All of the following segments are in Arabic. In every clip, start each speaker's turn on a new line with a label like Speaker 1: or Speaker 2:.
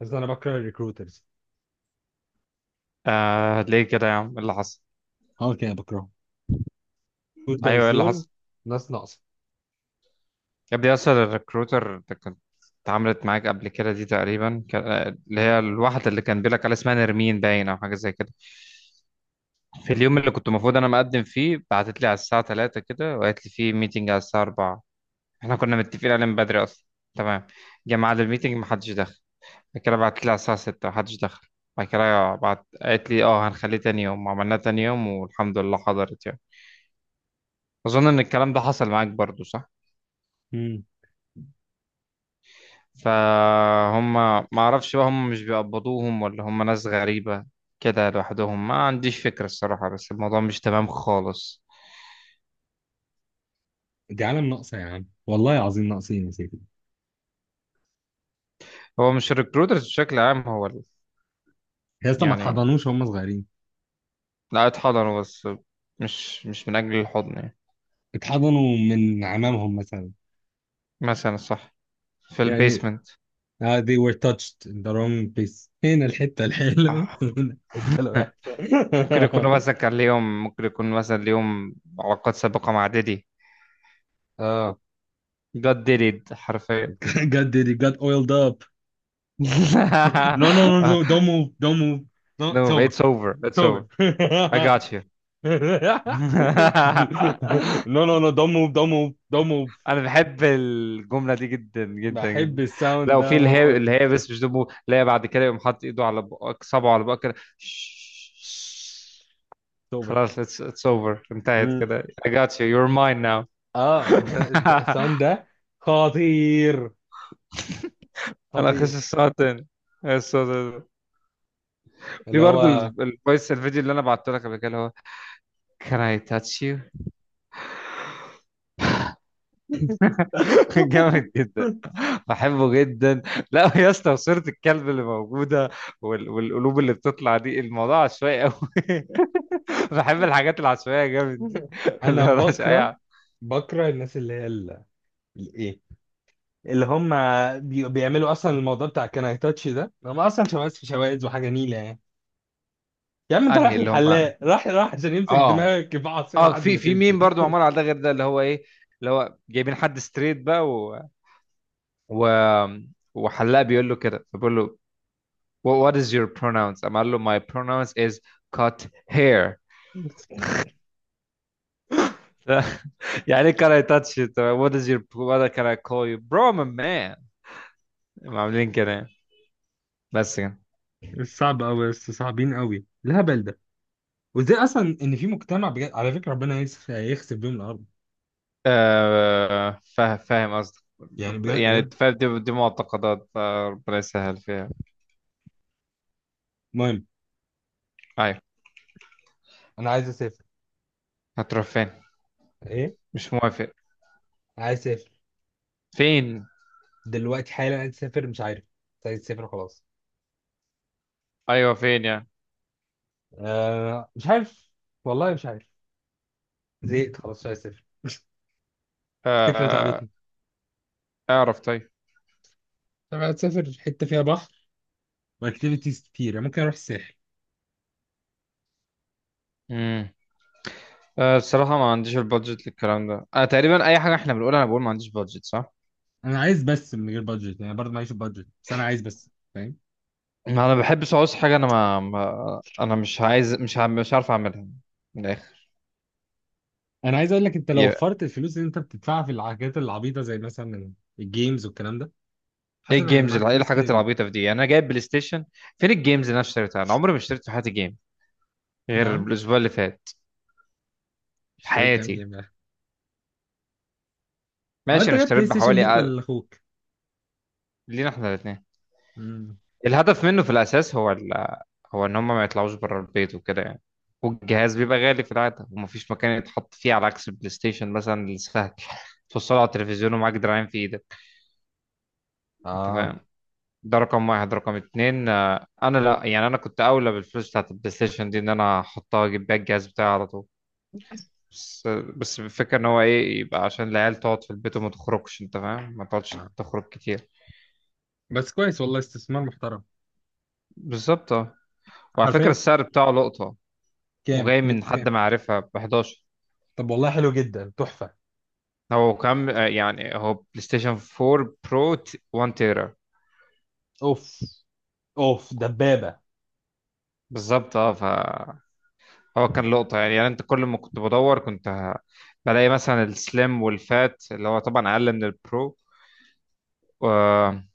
Speaker 1: بس انا بكره الريكروترز.
Speaker 2: آه، ليه كده يا عم؟ ايه اللي حصل؟
Speaker 1: اه، كده بكرههم.
Speaker 2: ايوه،
Speaker 1: الريكروترز
Speaker 2: ايه اللي
Speaker 1: دول
Speaker 2: حصل؟
Speaker 1: ناس ناقصه.
Speaker 2: يا ابني اصل الريكروتر اللي كنت اتعاملت معاك قبل كده دي تقريبا اللي هي الواحده اللي كان بيقولك على اسمها نرمين باين او حاجه زي كده. في اليوم اللي كنت المفروض انا مقدم فيه بعتت لي على الساعه 3 كده، وقالت لي في ميتنج على الساعه 4. احنا كنا متفقين عليه من بدري اصلا. تمام. جه ميعاد الميتنج محدش دخل، بعد كده بعتت لي على الساعه 6 محدش دخل. بعد كده بعت قالت لي اه هنخليه تاني يوم، عملناه تاني يوم والحمد لله حضرت يعني. اظن ان الكلام ده حصل معاك برضو، صح؟
Speaker 1: امم.
Speaker 2: فهم، ما اعرفش بقى هم مش بيقبضوهم، ولا هم ناس غريبة كده لوحدهم؟ ما عنديش فكرة الصراحة، بس الموضوع مش تمام خالص.
Speaker 1: دي عالم ناقصه يا عم، والله العظيم ناقصين يا سيدي.
Speaker 2: هو مش الريكروترز بشكل عام، هو
Speaker 1: يا اسطى، ما
Speaker 2: يعني.
Speaker 1: اتحضنوش وهم صغيرين.
Speaker 2: لا اتحضنوا، بس مش من أجل الحضن يعني.
Speaker 1: اتحضنوا من عمامهم مثلا،
Speaker 2: مثلا، صح. في
Speaker 1: يعني.
Speaker 2: البيسمنت.
Speaker 1: آه، they were touched in the wrong place، هنا الحته الحلوه.
Speaker 2: آه.
Speaker 1: هنا الحته الوحشه.
Speaker 2: ممكن يكونوا مثلا كان ليهم، ممكن يكون مثلا ليهم علاقات سابقة مع ديدي.
Speaker 1: اه،
Speaker 2: God did it حرفيا.
Speaker 1: God did it got oiled up. no, no, no, no, don't move, don't move. No, it's
Speaker 2: no
Speaker 1: over,
Speaker 2: it's over
Speaker 1: it's
Speaker 2: it's over
Speaker 1: over.
Speaker 2: I got you.
Speaker 1: نو نو نو، دون موف دون موف دون موف.
Speaker 2: انا بحب الجمله دي جدا جدا
Speaker 1: بحب
Speaker 2: جدا. لا،
Speaker 1: الساوند
Speaker 2: وفي
Speaker 1: ده
Speaker 2: اللي هي
Speaker 1: موت.
Speaker 2: اللي هي بس مش دمه، اللي هي بعد كده يقوم حاطط ايده على بقك، صبعه على بقك كده، شش.
Speaker 1: توبة.
Speaker 2: خلاص، it's over، انتهت
Speaker 1: مم.
Speaker 2: كده. I got you, you're mine now.
Speaker 1: اه، الساوند ده خطير.
Speaker 2: انا اخش
Speaker 1: خطير.
Speaker 2: الساعه تاني. الساعة تاني. في
Speaker 1: اللي
Speaker 2: برضه
Speaker 1: هو.
Speaker 2: الفيديو اللي انا بعته لك قبل كده اللي هو can I touch you. جامد جدا، بحبه جدا. لا يا اسطى، صورة الكلب اللي موجودة والقلوب اللي بتطلع دي، الموضوع عشوائي قوي. بحب الحاجات العشوائية جامد دي، اللي
Speaker 1: انا
Speaker 2: هو
Speaker 1: بكره
Speaker 2: العشوائية.
Speaker 1: بكره الناس اللي هي ال- الايه اللي هم بيعملوا اصلا الموضوع بتاع كان اي تاتش ده، هم اصلا شواذ في شواذ وحاجه نيله، يعني. يا عم، انت رايح
Speaker 2: انهي؟ اللي هم
Speaker 1: الحلاق، راح راح عشان يمسك
Speaker 2: اه
Speaker 1: دماغك في عصايه
Speaker 2: اه
Speaker 1: لحد
Speaker 2: في
Speaker 1: ما
Speaker 2: في
Speaker 1: تمشي.
Speaker 2: ميم برضو معمول على ده، غير ده اللي هو ايه، اللي هو جايبين حد ستريت بقى و... وحلاق بيقول له كده، فبيقول له what is your pronouns؟ قام قال له my pronouns is cut hair. يعني ايه كان اي تاتش، وات از يور، وات كان اي كول يو، برو، مان مان. عاملين كده يعني. بس كده.
Speaker 1: صعب قوي، بس صعبين قوي الهبل ده. وازاي اصلا ان في مجتمع بجد، على فكره ربنا يخسف بيهم الارض.
Speaker 2: آه، فاهم قصدك.
Speaker 1: يعني بجد
Speaker 2: يعني
Speaker 1: بجد.
Speaker 2: فاهم، دي معتقدات، ربنا يسهل فيها.
Speaker 1: المهم.
Speaker 2: ايوه.
Speaker 1: انا عايز اسافر.
Speaker 2: هتروح فين؟
Speaker 1: ايه؟
Speaker 2: مش موافق.
Speaker 1: عايز اسافر.
Speaker 2: فين؟
Speaker 1: دلوقتي حالا عايز اسافر، مش عارف. مش عايز اسافر خلاص.
Speaker 2: ايوه فين يعني؟
Speaker 1: آه مش عارف. والله مش عارف. زهقت خلاص، مش عايز اسافر. الفكره
Speaker 2: آه.
Speaker 1: تعبتني.
Speaker 2: اعرف طيب.
Speaker 1: طب عايز اسافر حته فيها بحر. واكتيفيتيز كتير، يعني ممكن اروح الساحل.
Speaker 2: امم. آه، الصراحه ما عنديش البادجت للكلام ده، تقريبا اي حاجه احنا بنقولها انا بقول ما عنديش بادجت، صح؟
Speaker 1: انا عايز بس من غير بادجت، يعني برضه معيش بادجت، بس انا عايز بس، فاهم؟
Speaker 2: ما انا بحبش اعوز حاجه، انا ما انا مش عايز، مش عارف اعملها من الاخر.
Speaker 1: انا عايز اقول لك، انت لو
Speaker 2: Yeah.
Speaker 1: وفرت الفلوس اللي انت بتدفعها في الحاجات العبيطه زي مثلا الجيمز والكلام ده، حاسس
Speaker 2: ايه
Speaker 1: ان هيبقى
Speaker 2: الجيمز
Speaker 1: معاك
Speaker 2: ايه
Speaker 1: فلوس كتير
Speaker 2: الحاجات
Speaker 1: جدا.
Speaker 2: العبيطه في دي يعني؟ انا جايب بلاي ستيشن، فين الجيمز اللي انا اشتريتها؟ انا عمري ما اشتريت في حياتي جيم غير
Speaker 1: نعم؟
Speaker 2: الاسبوع اللي فات. في
Speaker 1: اشتريت كام
Speaker 2: حياتي.
Speaker 1: جيم يعني؟ اه،
Speaker 2: ماشي،
Speaker 1: انت
Speaker 2: انا
Speaker 1: جايب
Speaker 2: اشتريت
Speaker 1: بلاي ستيشن
Speaker 2: بحوالي
Speaker 1: ليك
Speaker 2: أقل-
Speaker 1: ولا لاخوك؟
Speaker 2: لينا احنا الاثنين.
Speaker 1: امم.
Speaker 2: الهدف منه في الاساس هو. هو ان هم ما يطلعوش بره البيت وكده يعني، والجهاز بيبقى غالي في العاده ومفيش مكان يتحط فيه، على عكس البلاي ستيشن مثلا، السهل. توصله على التلفزيون ومعاك دراعين في ايدك، انت
Speaker 1: اه،
Speaker 2: فاهم؟ ده رقم واحد. رقم اتنين، انا لا يعني، انا كنت اولى بالفلوس بتاعت البلاي ستيشن دي ان انا احطها اجيب بيها الجهاز بتاعي على طول. بس بس الفكرة ان هو ايه، يبقى عشان العيال تقعد في البيت وما تخرجش، انت فاهم؟ ما تقعدش
Speaker 1: اه،
Speaker 2: تخرج كتير.
Speaker 1: بس كويس والله، استثمار محترم.
Speaker 2: بالظبط، اه. وعلى فكرة
Speaker 1: حرفيا.
Speaker 2: السعر بتاعه لقطة،
Speaker 1: كام؟
Speaker 2: وجاي من
Speaker 1: جبت
Speaker 2: حد
Speaker 1: كام؟
Speaker 2: معرفة ب 11.
Speaker 1: طب والله حلو جدا، تحفة.
Speaker 2: هو كام؟ يعني هو بلاي ستيشن 4 برو، 1 تيرا.
Speaker 1: اوف. اوف، دبابة.
Speaker 2: بالظبط اه، فهو كان لقطة يعني. انت كل ما كنت بدور بلاقي مثلا السليم والفات، اللي هو طبعا اقل من البرو، آه،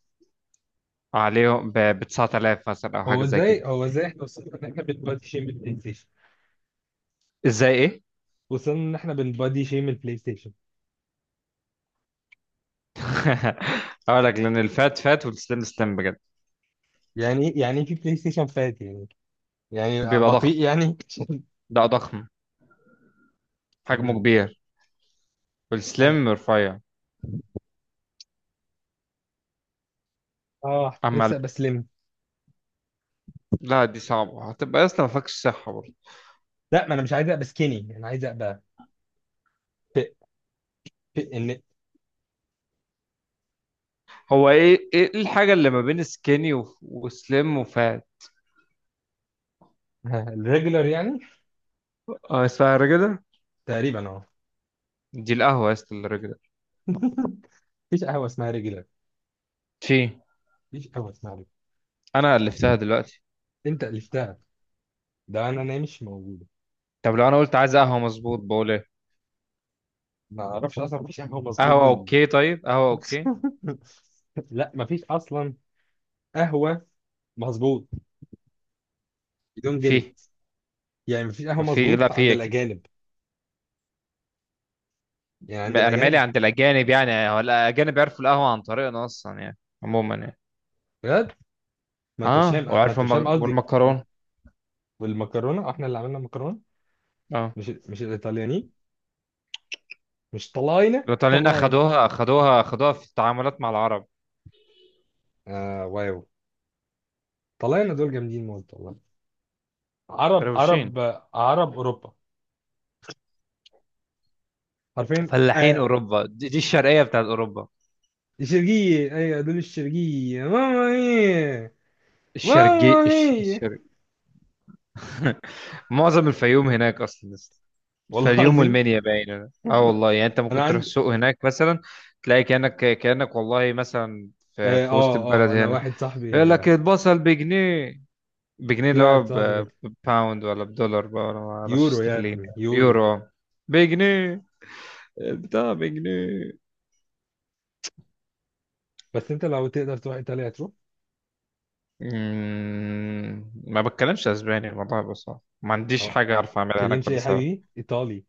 Speaker 2: عليهم ب 9000 مثلا او حاجة
Speaker 1: هو
Speaker 2: زي كده.
Speaker 1: ازاي هو ازاي احنا وصلنا ان احنا بنبادي شيم البلاي ستيشن؟
Speaker 2: ازاي ايه؟
Speaker 1: وصلنا ان احنا بنبادي شيم البلاي ستيشن.
Speaker 2: هقول لك لان الفات فات والسليم سليم بجد.
Speaker 1: يعني إيه في بلاي ستيشن فات يعني؟ يعني
Speaker 2: بيبقى ضخم،
Speaker 1: بطيء يعني؟
Speaker 2: ده ضخم، حجمه كبير.
Speaker 1: عج...
Speaker 2: والسليم رفيع.
Speaker 1: اه،
Speaker 2: اما.
Speaker 1: نفسي ابقى سليم.
Speaker 2: لا دي صعبه، هتبقى اصلا ما فيكش صحه برضه.
Speaker 1: لا، ما انا مش عايز ابقى سكيني، انا عايز ابقى في في ان.
Speaker 2: هو ايه الحاجه اللي ما بين سكيني وسليم وفات؟
Speaker 1: الريجولر يعني.
Speaker 2: اه اسمها الرجله.
Speaker 1: تقريبا اه.
Speaker 2: دي القهوه يا اسطى، الرجله.
Speaker 1: مفيش قهوه اسمها ريجولر.
Speaker 2: في.
Speaker 1: مفيش قهوه اسمها ريجولر.
Speaker 2: انا الفتها دلوقتي.
Speaker 1: انت الفتها. ده انا، انا مش موجوده.
Speaker 2: طب لو انا قلت عايز قهوه مظبوط بقول ايه؟
Speaker 1: ما اعرفش، اصلا مفيش قهوه مظبوط
Speaker 2: قهوه
Speaker 1: بال.
Speaker 2: اوكي، طيب قهوه اوكي.
Speaker 1: لا، مفيش اصلا. قهوه مظبوط بدون جري.
Speaker 2: في،
Speaker 1: يعني مفيش قهوه
Speaker 2: ما في، لا
Speaker 1: مظبوط عند
Speaker 2: في اكيد.
Speaker 1: الاجانب. يعني عند
Speaker 2: انا مالي
Speaker 1: الاجانب.
Speaker 2: عند الاجانب يعني؟ هو الاجانب يعرفوا القهوه عن طريقنا اصلا يعني عموما يعني.
Speaker 1: بجد. ما انت مش
Speaker 2: اه،
Speaker 1: فاهم، ما
Speaker 2: وعارف
Speaker 1: انت مش فاهم قصدي.
Speaker 2: والمكرونه.
Speaker 1: والمكرونه، احنا اللي عملنا المكرونه.
Speaker 2: اه،
Speaker 1: مش الايطاليانيين. مش طلاينة
Speaker 2: الايطاليين
Speaker 1: طلاي.
Speaker 2: اخدوها اخدوها اخدوها في التعاملات مع العرب.
Speaker 1: آه، واو. طلعنا دول جامدين موت والله. عرب
Speaker 2: روشين.
Speaker 1: عرب. عرب أوروبا. عارفين
Speaker 2: فلاحين
Speaker 1: آه.
Speaker 2: اوروبا دي, الشرقيه بتاعت اوروبا.
Speaker 1: الشرقية أيوة، دول الشرقية، ماما مية.
Speaker 2: الشرقي
Speaker 1: ماما مية.
Speaker 2: الشرق. معظم الفيوم هناك اصلا لسه.
Speaker 1: والله
Speaker 2: الفيوم
Speaker 1: العظيم.
Speaker 2: والمنيا باين، اه والله يعني، انت
Speaker 1: أنا
Speaker 2: ممكن تروح
Speaker 1: عندي.
Speaker 2: السوق هناك مثلا تلاقي كانك والله مثلا في,
Speaker 1: آه
Speaker 2: في
Speaker 1: آه
Speaker 2: وسط البلد
Speaker 1: آه، أنا
Speaker 2: هنا.
Speaker 1: واحد
Speaker 2: يقول
Speaker 1: صاحبي،
Speaker 2: لك البصل بجنيه، بجنيه
Speaker 1: في
Speaker 2: اللي هو
Speaker 1: واحد صاحبي كده.
Speaker 2: بباوند، ولا بدولار بقى، ولا ما اعرفش،
Speaker 1: يورو يا
Speaker 2: استرليني؟
Speaker 1: ابني، يورو.
Speaker 2: يورو. بجنيه. بتاع بجنيه.
Speaker 1: بس أنت لو تقدر تروح إيطاليا هتروح.
Speaker 2: ما بتكلمش اسباني، الموضوع بس صعب. ما عنديش
Speaker 1: آه.
Speaker 2: حاجه اعرف اعملها هناك
Speaker 1: تكلمش إيه
Speaker 2: ولا
Speaker 1: يا
Speaker 2: سوا.
Speaker 1: حبيبي؟ إيطالي.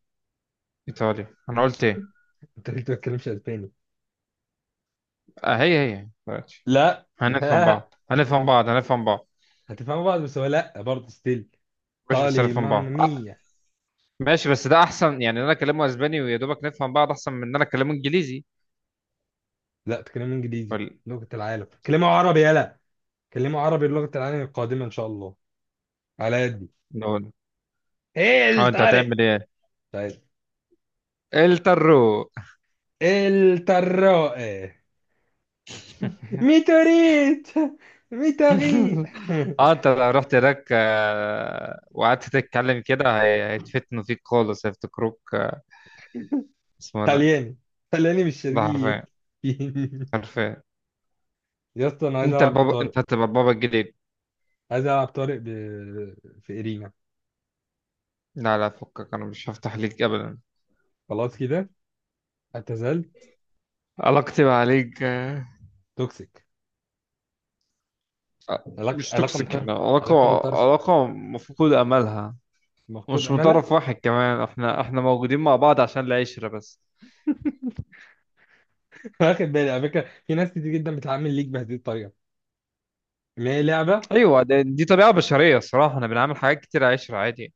Speaker 2: ايطالي؟ انا قلت ايه؟
Speaker 1: أنت ليه ما بتتكلمش أسباني؟
Speaker 2: آه، هي دلوقتي
Speaker 1: لا،
Speaker 2: هنفهم
Speaker 1: لا.
Speaker 2: بعض هنفهم بعض هنفهم بعض.
Speaker 1: هتفهموا بعض، بس هو لا برضه ستيل.
Speaker 2: ماشي بس
Speaker 1: إيطالي
Speaker 2: هنفهم
Speaker 1: ماما
Speaker 2: بعض، آه.
Speaker 1: مية.
Speaker 2: ماشي بس ده احسن يعني، إن انا اكلمه اسباني ويا دوبك نفهم بعض، احسن من ان انا اكلمه انجليزي.
Speaker 1: لا، تكلموا انجليزي.
Speaker 2: ولا.
Speaker 1: لغة العالم، كلموا عربي يلا. كلموا عربي، لغة العالم القادمة ان شاء الله. على يدي.
Speaker 2: نقول
Speaker 1: ايه
Speaker 2: اه. انت
Speaker 1: الطارق؟
Speaker 2: هتعمل ايه؟
Speaker 1: طيب.
Speaker 2: الترو.
Speaker 1: الطراق. ميتوريت. ميتوري.
Speaker 2: اه انت لو رحت هناك، وقعدت تتكلم كده، هيتفتنوا فيك خالص، هيفتكروك اسمه ده.
Speaker 1: طلياني. طلياني مش
Speaker 2: ده حرفيا.
Speaker 1: شرقية.
Speaker 2: حرفيا.
Speaker 1: يا اسطى، انا عايز
Speaker 2: انت
Speaker 1: العب
Speaker 2: البابا،
Speaker 1: بطارق.
Speaker 2: انت هتبقى البابا الجديد.
Speaker 1: عايز العب طارق في ارينا.
Speaker 2: لا لا، فكك، انا مش هفتح ليك ابدا.
Speaker 1: خلاص كده. اعتزال.
Speaker 2: علاقتي معاك
Speaker 1: توكسيك. علاقة
Speaker 2: مش
Speaker 1: علاقة
Speaker 2: توكسيك
Speaker 1: مطرف.
Speaker 2: يعني، علاقة،
Speaker 1: علاقة مطرف
Speaker 2: علاقة مفقود املها.
Speaker 1: مفقود
Speaker 2: مش من
Speaker 1: املها.
Speaker 2: طرف واحد كمان، احنا موجودين مع بعض عشان العشرة بس.
Speaker 1: واخد بالي، على فكرة، في ناس كتير جدا بتعامل ليك بهذه الطريقة. ما هي لعبة.
Speaker 2: ايوه، دي طبيعة بشرية الصراحة، احنا بنعمل حاجات كتير عشرة عادي يعني.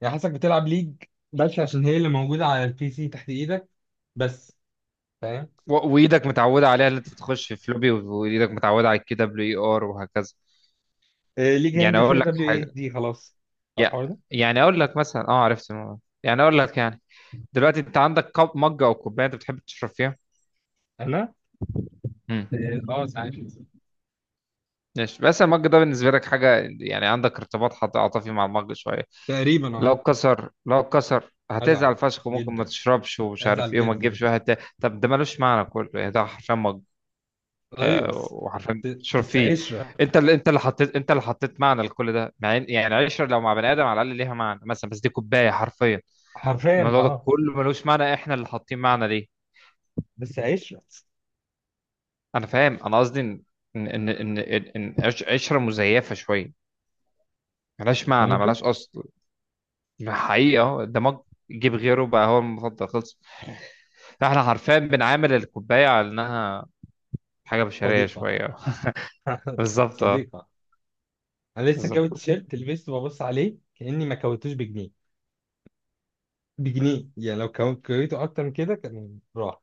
Speaker 1: يعني حاسسك بتلعب ليج، بس عشان هي اللي موجودة على البي سي تحت ايدك، بس، فاهم؟
Speaker 2: وايدك متعوده عليها، اللي انت تخش في فلوبي وايدك متعوده على الكي دبليو اي ار وهكذا.
Speaker 1: آه، ليج
Speaker 2: يعني
Speaker 1: هينزل
Speaker 2: اقول
Speaker 1: فيها
Speaker 2: لك
Speaker 1: دبليو اي اس
Speaker 2: حاجه،
Speaker 1: دي خلاص. عارف
Speaker 2: يع-
Speaker 1: الحوار ده؟
Speaker 2: يعني اقول لك مثلا، اه عرفت الموضوع، يعني اقول لك يعني: دلوقتي انت عندك كوب، مج، او كوبايه، انت بتحب تشرب فيها.
Speaker 1: انا.
Speaker 2: امم.
Speaker 1: اه آه، ساعات.
Speaker 2: ماشي، بس المج ده بالنسبه لك حاجه يعني، عندك ارتباط عاطفي مع المج شويه.
Speaker 1: تقريبا اه.
Speaker 2: لو اتكسر
Speaker 1: ازعل
Speaker 2: هتزعل فشخ، وممكن ما
Speaker 1: جدا.
Speaker 2: تشربش ومش عارف
Speaker 1: ازعل
Speaker 2: ايه وما
Speaker 1: جدا.
Speaker 2: تجيبش واحد تاني. طب ده ملوش معنى كله يعني، ده حرفيا مج.
Speaker 1: ايوه
Speaker 2: آه، وعارفين
Speaker 1: بس.
Speaker 2: تشرب
Speaker 1: بس
Speaker 2: فيه.
Speaker 1: عشرة.
Speaker 2: انت اللي حطيت معنى لكل ده، مع يعني عشرة لو مع بني ادم على الاقل ليها معنى مثلا، بس دي كوبايه حرفيا.
Speaker 1: حرفيا
Speaker 2: الموضوع ده
Speaker 1: اه.
Speaker 2: كله ملوش معنى، احنا اللي حاطين معنى ليه.
Speaker 1: بس عشرة.
Speaker 2: انا فاهم، انا قصدي ان ان ان ان إن عش- عشره مزيفه شويه، ملهاش معنى
Speaker 1: ممكن.
Speaker 2: ملهاش اصل. حقيقه أهو، الدماغ. جيب غيره بقى، هو المفضل خلص. فاحنا حرفيا بنعامل الكوبايه على انها حاجه بشريه
Speaker 1: صديقة.
Speaker 2: شويه. بالظبط اه.
Speaker 1: صديقة. انا لسه
Speaker 2: بالظبط،
Speaker 1: كاوي تيشيرت، لبسته ببص عليه كأني ما كويتوش، بجنيه. بجنيه، يعني لو كويته اكتر من كده كان راح.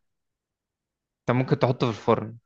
Speaker 2: انت ممكن تحطه في الفرن.